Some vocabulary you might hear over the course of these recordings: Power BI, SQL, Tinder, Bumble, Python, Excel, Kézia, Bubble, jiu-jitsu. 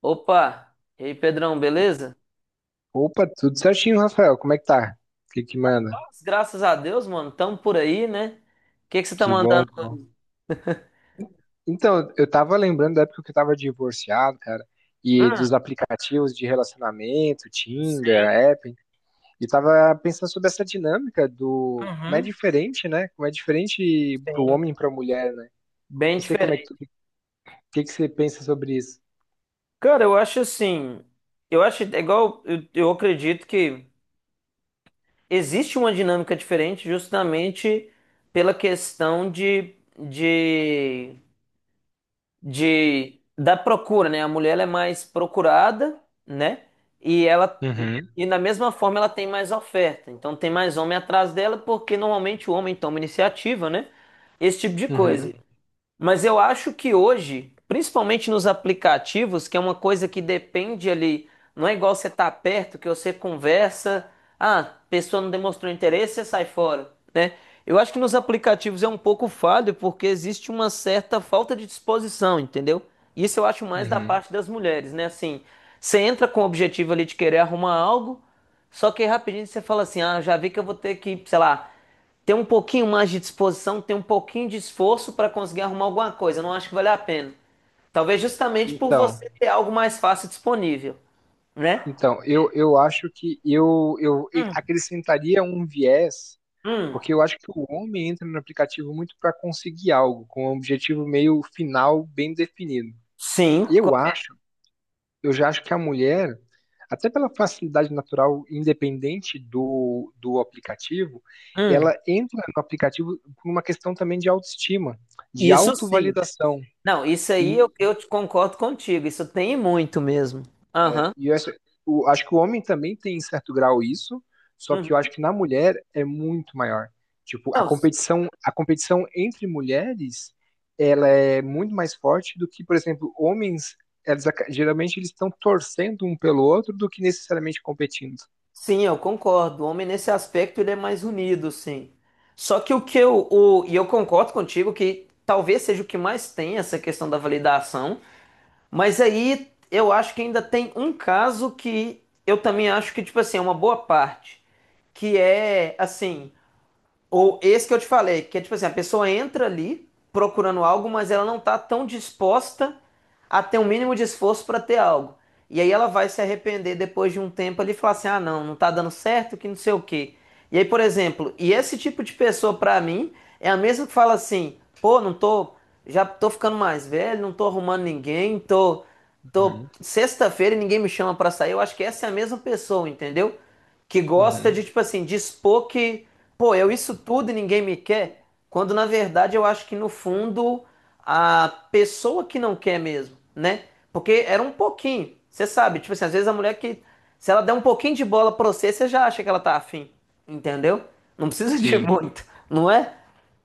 Opa! E aí, Pedrão, beleza? Opa, tudo certinho, Rafael. Como é que tá? O que que manda? Paz, Graças a Deus, mano, tamo por aí, né? O que que você tá Que bom, mandando que bom. hoje? Então, eu tava lembrando da época que eu tava divorciado, cara, e Hum, dos aplicativos de relacionamento, Tinder, sim. App, e tava pensando sobre essa dinâmica do como é Uhum, diferente, né? Como é diferente pro sim. homem e pra mulher, né? Bem Não sei como é que diferente. tu, o que que você pensa sobre isso. Cara, eu acho assim, eu acho é igual, eu acredito que existe uma dinâmica diferente justamente pela questão de da procura, né? A mulher ela é mais procurada, né? E ela Uhum, e da mesma forma ela tem mais oferta. Então tem mais homem atrás dela porque normalmente o homem toma iniciativa, né? Esse tipo de uhum, coisa. Mas eu acho que hoje, principalmente nos aplicativos, que é uma coisa que depende ali, não é igual você tá perto, que você conversa, a pessoa não demonstrou interesse, você sai fora, né? Eu acho que nos aplicativos é um pouco falho, porque existe uma certa falta de disposição, entendeu? Isso eu acho mais da uhum. parte das mulheres, né? Assim, você entra com o objetivo ali de querer arrumar algo, só que aí rapidinho você fala assim: ah, já vi que eu vou ter que, sei lá, ter um pouquinho mais de disposição, ter um pouquinho de esforço para conseguir arrumar alguma coisa. Não acho que vale a pena. Talvez justamente por Então, você ter algo mais fácil disponível, né? então, eu acho que eu acrescentaria um viés. Hum, Porque eu acho que o homem entra no aplicativo muito para conseguir algo, com um objetivo meio final bem definido. sim. Eu acho, eu já acho que a mulher, até pela facilidade natural, independente do aplicativo, Hum, ela entra no aplicativo por uma questão também de autoestima, de isso sim. autovalidação. Não, isso aí E eu te concordo contigo. Isso tem muito mesmo. Aham. e eu acho, acho que o homem também tem em certo grau isso, só que eu Uhum. acho que na mulher é muito maior. Tipo, a Não, competição, a competição entre mulheres, ela é muito mais forte do que, por exemplo, homens, eles, geralmente eles estão torcendo um pelo outro do que necessariamente competindo. sim, eu concordo. O homem nesse aspecto ele é mais unido, sim. Só que o que eu, o, e eu concordo contigo que talvez seja o que mais tem essa questão da validação, mas aí eu acho que ainda tem um caso que eu também acho que, tipo assim, é uma boa parte, que é assim. Ou esse que eu te falei, que é tipo assim, a pessoa entra ali procurando algo, mas ela não tá tão disposta a ter um mínimo de esforço para ter algo. E aí ela vai se arrepender depois de um tempo ali e falar assim: "Ah, não, não tá dando certo, que não sei o quê". E aí, por exemplo, e esse tipo de pessoa para mim é a mesma que fala assim: "Pô, não tô, já tô ficando mais velho, não tô arrumando ninguém, tô tô Uhum, sexta-feira e ninguém me chama para sair". Eu acho que essa é a mesma pessoa, entendeu? Que gosta uhum. de tipo assim, dispor que Pô, eu isso tudo e ninguém me quer, quando na verdade eu acho que no fundo a pessoa que não quer mesmo, né? Porque era um pouquinho, você sabe, tipo assim, às vezes a mulher que, se ela der um pouquinho de bola pra você, você já acha que ela tá afim, entendeu? Não precisa de Sim. muito, não é?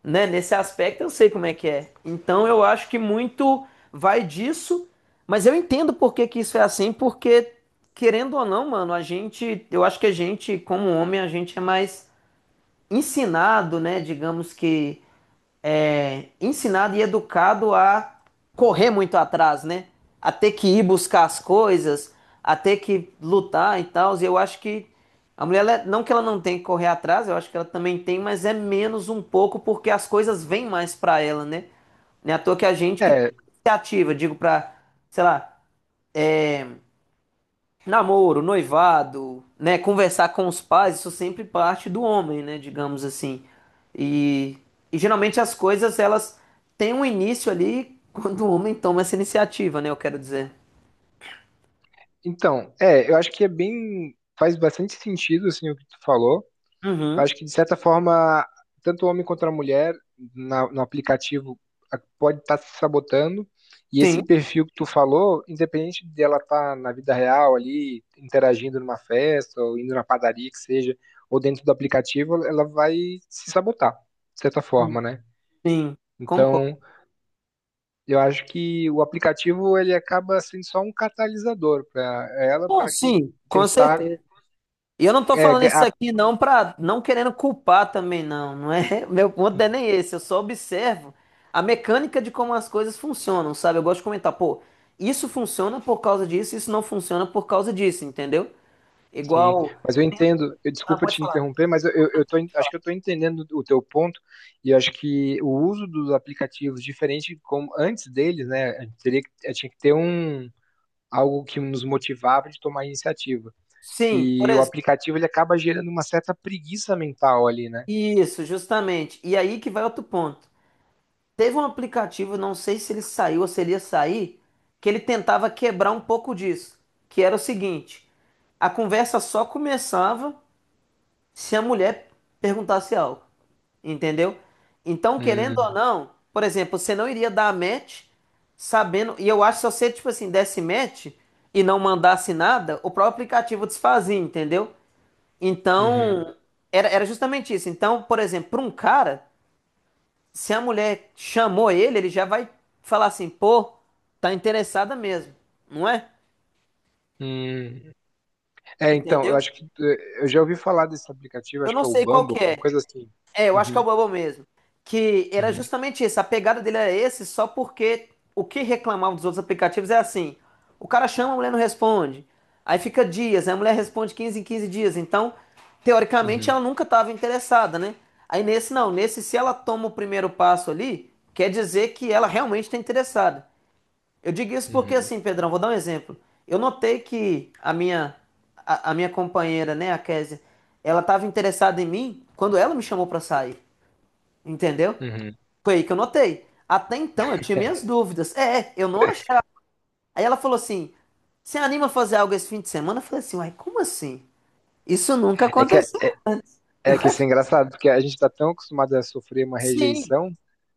Né? Nesse aspecto eu sei como é que é. Então eu acho que muito vai disso, mas eu entendo por que que isso é assim, porque querendo ou não, mano, a gente, eu acho que a gente, como homem, a gente é mais ensinado, né, digamos que é, ensinado e educado a correr muito atrás, né? A ter que ir buscar as coisas, a ter que lutar e tal. E eu acho que a mulher, não que ela não tenha que correr atrás, eu acho que ela também tem, mas é menos um pouco porque as coisas vêm mais pra ela, né? Não é à toa que a gente que toma É, iniciativa, digo pra, sei lá, namoro, noivado, né? Conversar com os pais, isso sempre parte do homem, né? Digamos assim. E, e geralmente as coisas elas têm um início ali quando o homem toma essa iniciativa, né? Eu quero dizer. então, é, eu acho que é bem, faz bastante sentido, assim, o que tu falou. Uhum. Acho que de certa forma, tanto o homem quanto a mulher no aplicativo pode estar se sabotando. E esse Sim, perfil que tu falou, independente dela estar na vida real ali, interagindo numa festa, ou indo na padaria que seja, ou dentro do aplicativo, ela vai se sabotar, de certa forma, né? sim, concordo. Então, eu acho que o aplicativo ele acaba sendo só um catalisador para ela, Pô, para que sim, com tentar. certeza. E eu não tô é, falando ga- isso a- aqui não para não querendo culpar também não, não é? Meu ponto não é nem esse, eu só observo a mecânica de como as coisas funcionam, sabe? Eu gosto de comentar, pô, isso funciona por causa disso, isso não funciona por causa disso, entendeu? Sim, Igual, mas eu entendo, eu, ah, desculpa pode te falar. interromper, mas eu tô, acho que eu estou entendendo o teu ponto, e acho que o uso dos aplicativos, diferente como antes deles, né, a gente teria, tinha que ter um, algo que nos motivava de tomar iniciativa. Sim, por E o exemplo, aplicativo, ele acaba gerando uma certa preguiça mental ali, né? isso, justamente. E aí que vai outro ponto. Teve um aplicativo, não sei se ele saiu ou se ele ia sair, que ele tentava quebrar um pouco disso, que era o seguinte, a conversa só começava se a mulher perguntasse algo, entendeu? Então, querendo ou Hum, não, por exemplo, você não iria dar match sabendo, e eu acho que se você, tipo assim, desse match e não mandasse nada, o próprio aplicativo desfazia, entendeu? uhum, Então, era justamente isso. Então, por exemplo, para um cara, se a mulher chamou ele, ele já vai falar assim, pô, tá interessada mesmo, não é? hum. É, então, eu Entendeu? acho que eu já ouvi falar desse aplicativo, Eu acho que não é o sei qual Bumble, que uma é. coisa assim. É, eu acho que é Uhum, o Bubble mesmo. Que era uhum, justamente isso. A pegada dele era esse, só porque o que reclamavam dos outros aplicativos é assim: o cara chama, a mulher não responde. Aí fica dias, aí a mulher responde 15 em 15 dias. Então, teoricamente, ela uhum, nunca estava interessada, né? Aí nesse não, nesse se ela toma o primeiro passo ali, quer dizer que ela realmente está interessada. Eu digo isso porque uhum, assim, Pedrão, vou dar um exemplo. Eu notei que a minha companheira, né, a Kézia, ela estava interessada em mim quando ela me chamou para sair. Entendeu? uhum. Foi aí que eu notei. Até então eu tinha É minhas dúvidas. É, eu não achava. Aí ela falou assim: Você anima a fazer algo esse fim de semana? Eu falei assim: Uai, como assim? Isso nunca é que é, aconteceu. Eu É que isso acho é que engraçado, porque a gente tá tão acostumado a sofrer uma sim, rejeição.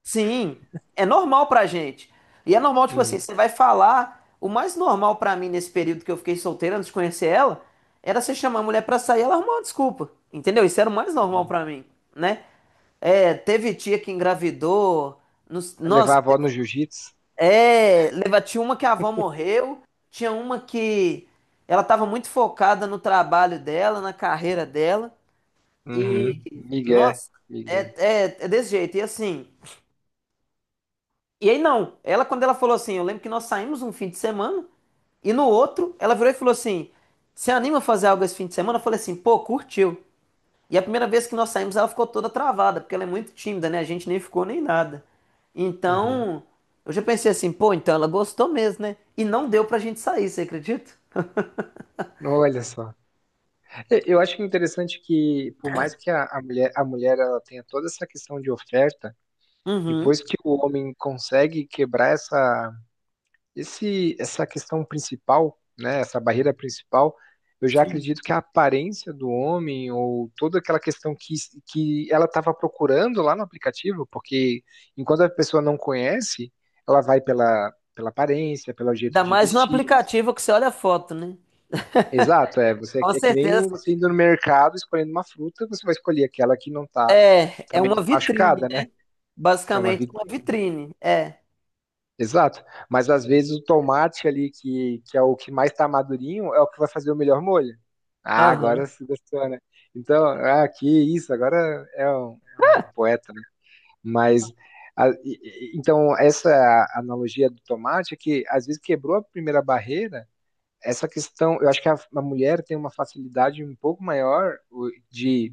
sim. É normal pra gente. E é normal, tipo assim, Hum, você vai falar. O mais normal pra mim nesse período que eu fiquei solteira antes de conhecer ela era você chamar a mulher pra sair e ela arrumar uma desculpa. Entendeu? Isso era o mais normal uhum, pra mim, né? É, teve tia que engravidou. Levar Nossa, a avó no jiu-jitsu, é, tinha uma que a avó morreu, tinha uma que ela estava muito focada no trabalho dela, na carreira dela, uhum, e Miguel, nossa, é, migué. é, é desse jeito. E assim, e aí não, ela quando ela falou assim, eu lembro que nós saímos um fim de semana, e no outro ela virou e falou assim: Você anima a fazer algo esse fim de semana? Eu falei assim, pô, curtiu. E a primeira vez que nós saímos, ela ficou toda travada, porque ela é muito tímida, né? A gente nem ficou nem nada. Uhum. Então, eu já pensei assim, pô, então ela gostou mesmo, né? E não deu pra gente sair, você acredita? Olha só. Eu acho interessante que, por mais que a mulher ela tenha toda essa questão de oferta, Uhum. depois que o homem consegue quebrar essa, essa questão principal, né, essa barreira principal, eu já acredito que a aparência do homem ou toda aquela questão que ela estava procurando lá no aplicativo, porque enquanto a pessoa não conhece, ela vai pela aparência, pelo jeito Ainda de mais no vestir. aplicativo que você olha a foto, né? Exato, é, você, Com é que nem certeza você indo no mercado escolhendo uma fruta, você vai escolher aquela que não está, que é, tá é menos uma vitrine, machucada, né? né? É uma Basicamente uma vitrine. vitrine, é. Exato. Mas às vezes o tomate ali, que é o que mais está madurinho, é o que vai fazer o melhor molho. Ah, agora Aham. se gostou, né? Então, ah, que isso, agora é um poeta, né? Mas, a- e- então, essa analogia do tomate é que às vezes quebrou a primeira barreira, essa questão, eu acho que a mulher tem uma facilidade um pouco maior de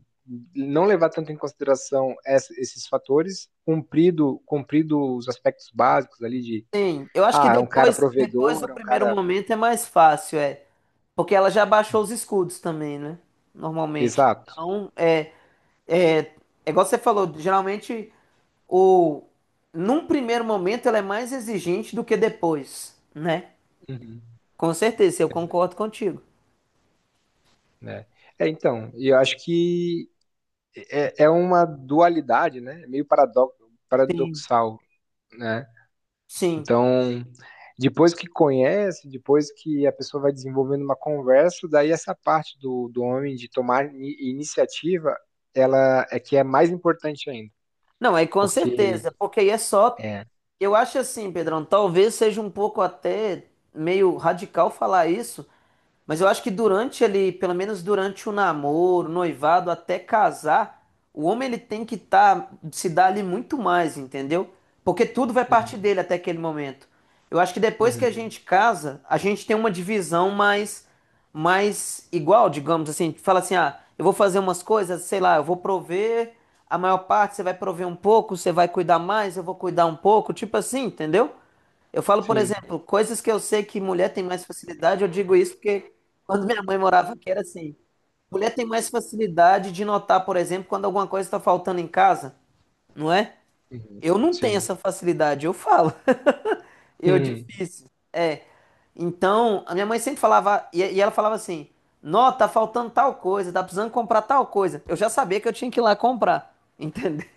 não levar tanto em consideração esses fatores, cumprido, cumprido os aspectos básicos ali de Sim, eu acho que ah, é um cara depois, depois do provedor, é um primeiro cara. momento é mais fácil, é. Porque ela já baixou os escudos também, né? Normalmente. Exato. Então, é. É, é igual você falou, geralmente o num primeiro momento ela é mais exigente do que depois, né? Uhum. Com certeza, eu concordo contigo. Né? É, então, e eu acho que é, é uma dualidade, né? É meio Sim. paradoxal, né? Sim. Então, depois que conhece, depois que a pessoa vai desenvolvendo uma conversa, daí essa parte do homem de tomar iniciativa, ela é que é mais importante ainda, Não, é com porque certeza, porque aí é só. é, Eu acho assim, Pedrão, talvez seja um pouco até meio radical falar isso, mas eu acho que durante ali, pelo menos durante o namoro, o noivado, até casar, o homem ele tem que tá, se dar ali muito mais, entendeu? Porque tudo vai partir Uhum. dele até aquele momento. Eu acho que depois que a Uhum. gente casa, a gente tem uma divisão mais, mais igual, digamos assim. Fala assim, ah, eu vou fazer umas coisas, sei lá, eu vou prover a maior parte, você vai prover um pouco, você vai cuidar mais, eu vou cuidar um pouco, tipo assim, entendeu? Eu falo, por Sim, exemplo, coisas que eu sei que mulher tem mais facilidade, eu digo isso porque quando minha mãe morava aqui era assim. Mulher tem mais facilidade de notar, por exemplo, quando alguma coisa está faltando em casa, não é? uhum, Eu não tenho sim. essa facilidade, eu falo. Eu Uhum. difícil. É. Então, a minha mãe sempre falava, e ela falava assim: Nó, tá faltando tal coisa, tá precisando comprar tal coisa. Eu já sabia que eu tinha que ir lá comprar, entendeu?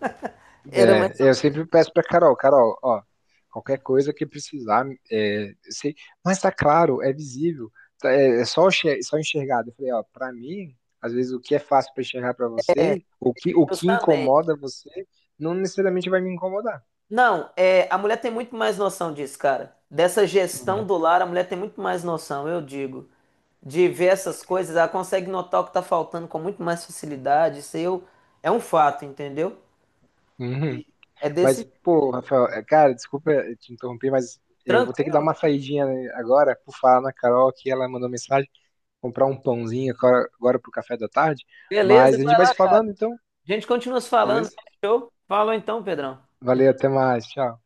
Era mais É, eu sempre peço pra Carol, Carol, ó, qualquer coisa que precisar, é, sei, mas tá claro, é visível, tá, é, é só, só enxergar. Eu falei, ó, pra mim, às vezes o que é fácil pra enxergar pra você, o que justamente. incomoda você, não necessariamente vai me incomodar. Não, é, a mulher tem muito mais noção disso, cara. Dessa gestão Né? do lar, a mulher tem muito mais noção, eu digo. De ver essas coisas, ela consegue notar o que tá faltando com muito mais facilidade. Isso aí é um fato, entendeu? Uhum. E é Mas, desse. pô, Rafael, é, cara, desculpa te interromper, mas eu vou ter que dar Tranquilo? uma saidinha né, agora por falar na Carol que ela mandou mensagem, comprar um pãozinho agora, agora pro café da tarde, Beleza, mas a gente vai vai lá. se A falando então, gente continua se falando. beleza? Fechou? Falou então, Pedrão. Valeu, até mais. Tchau.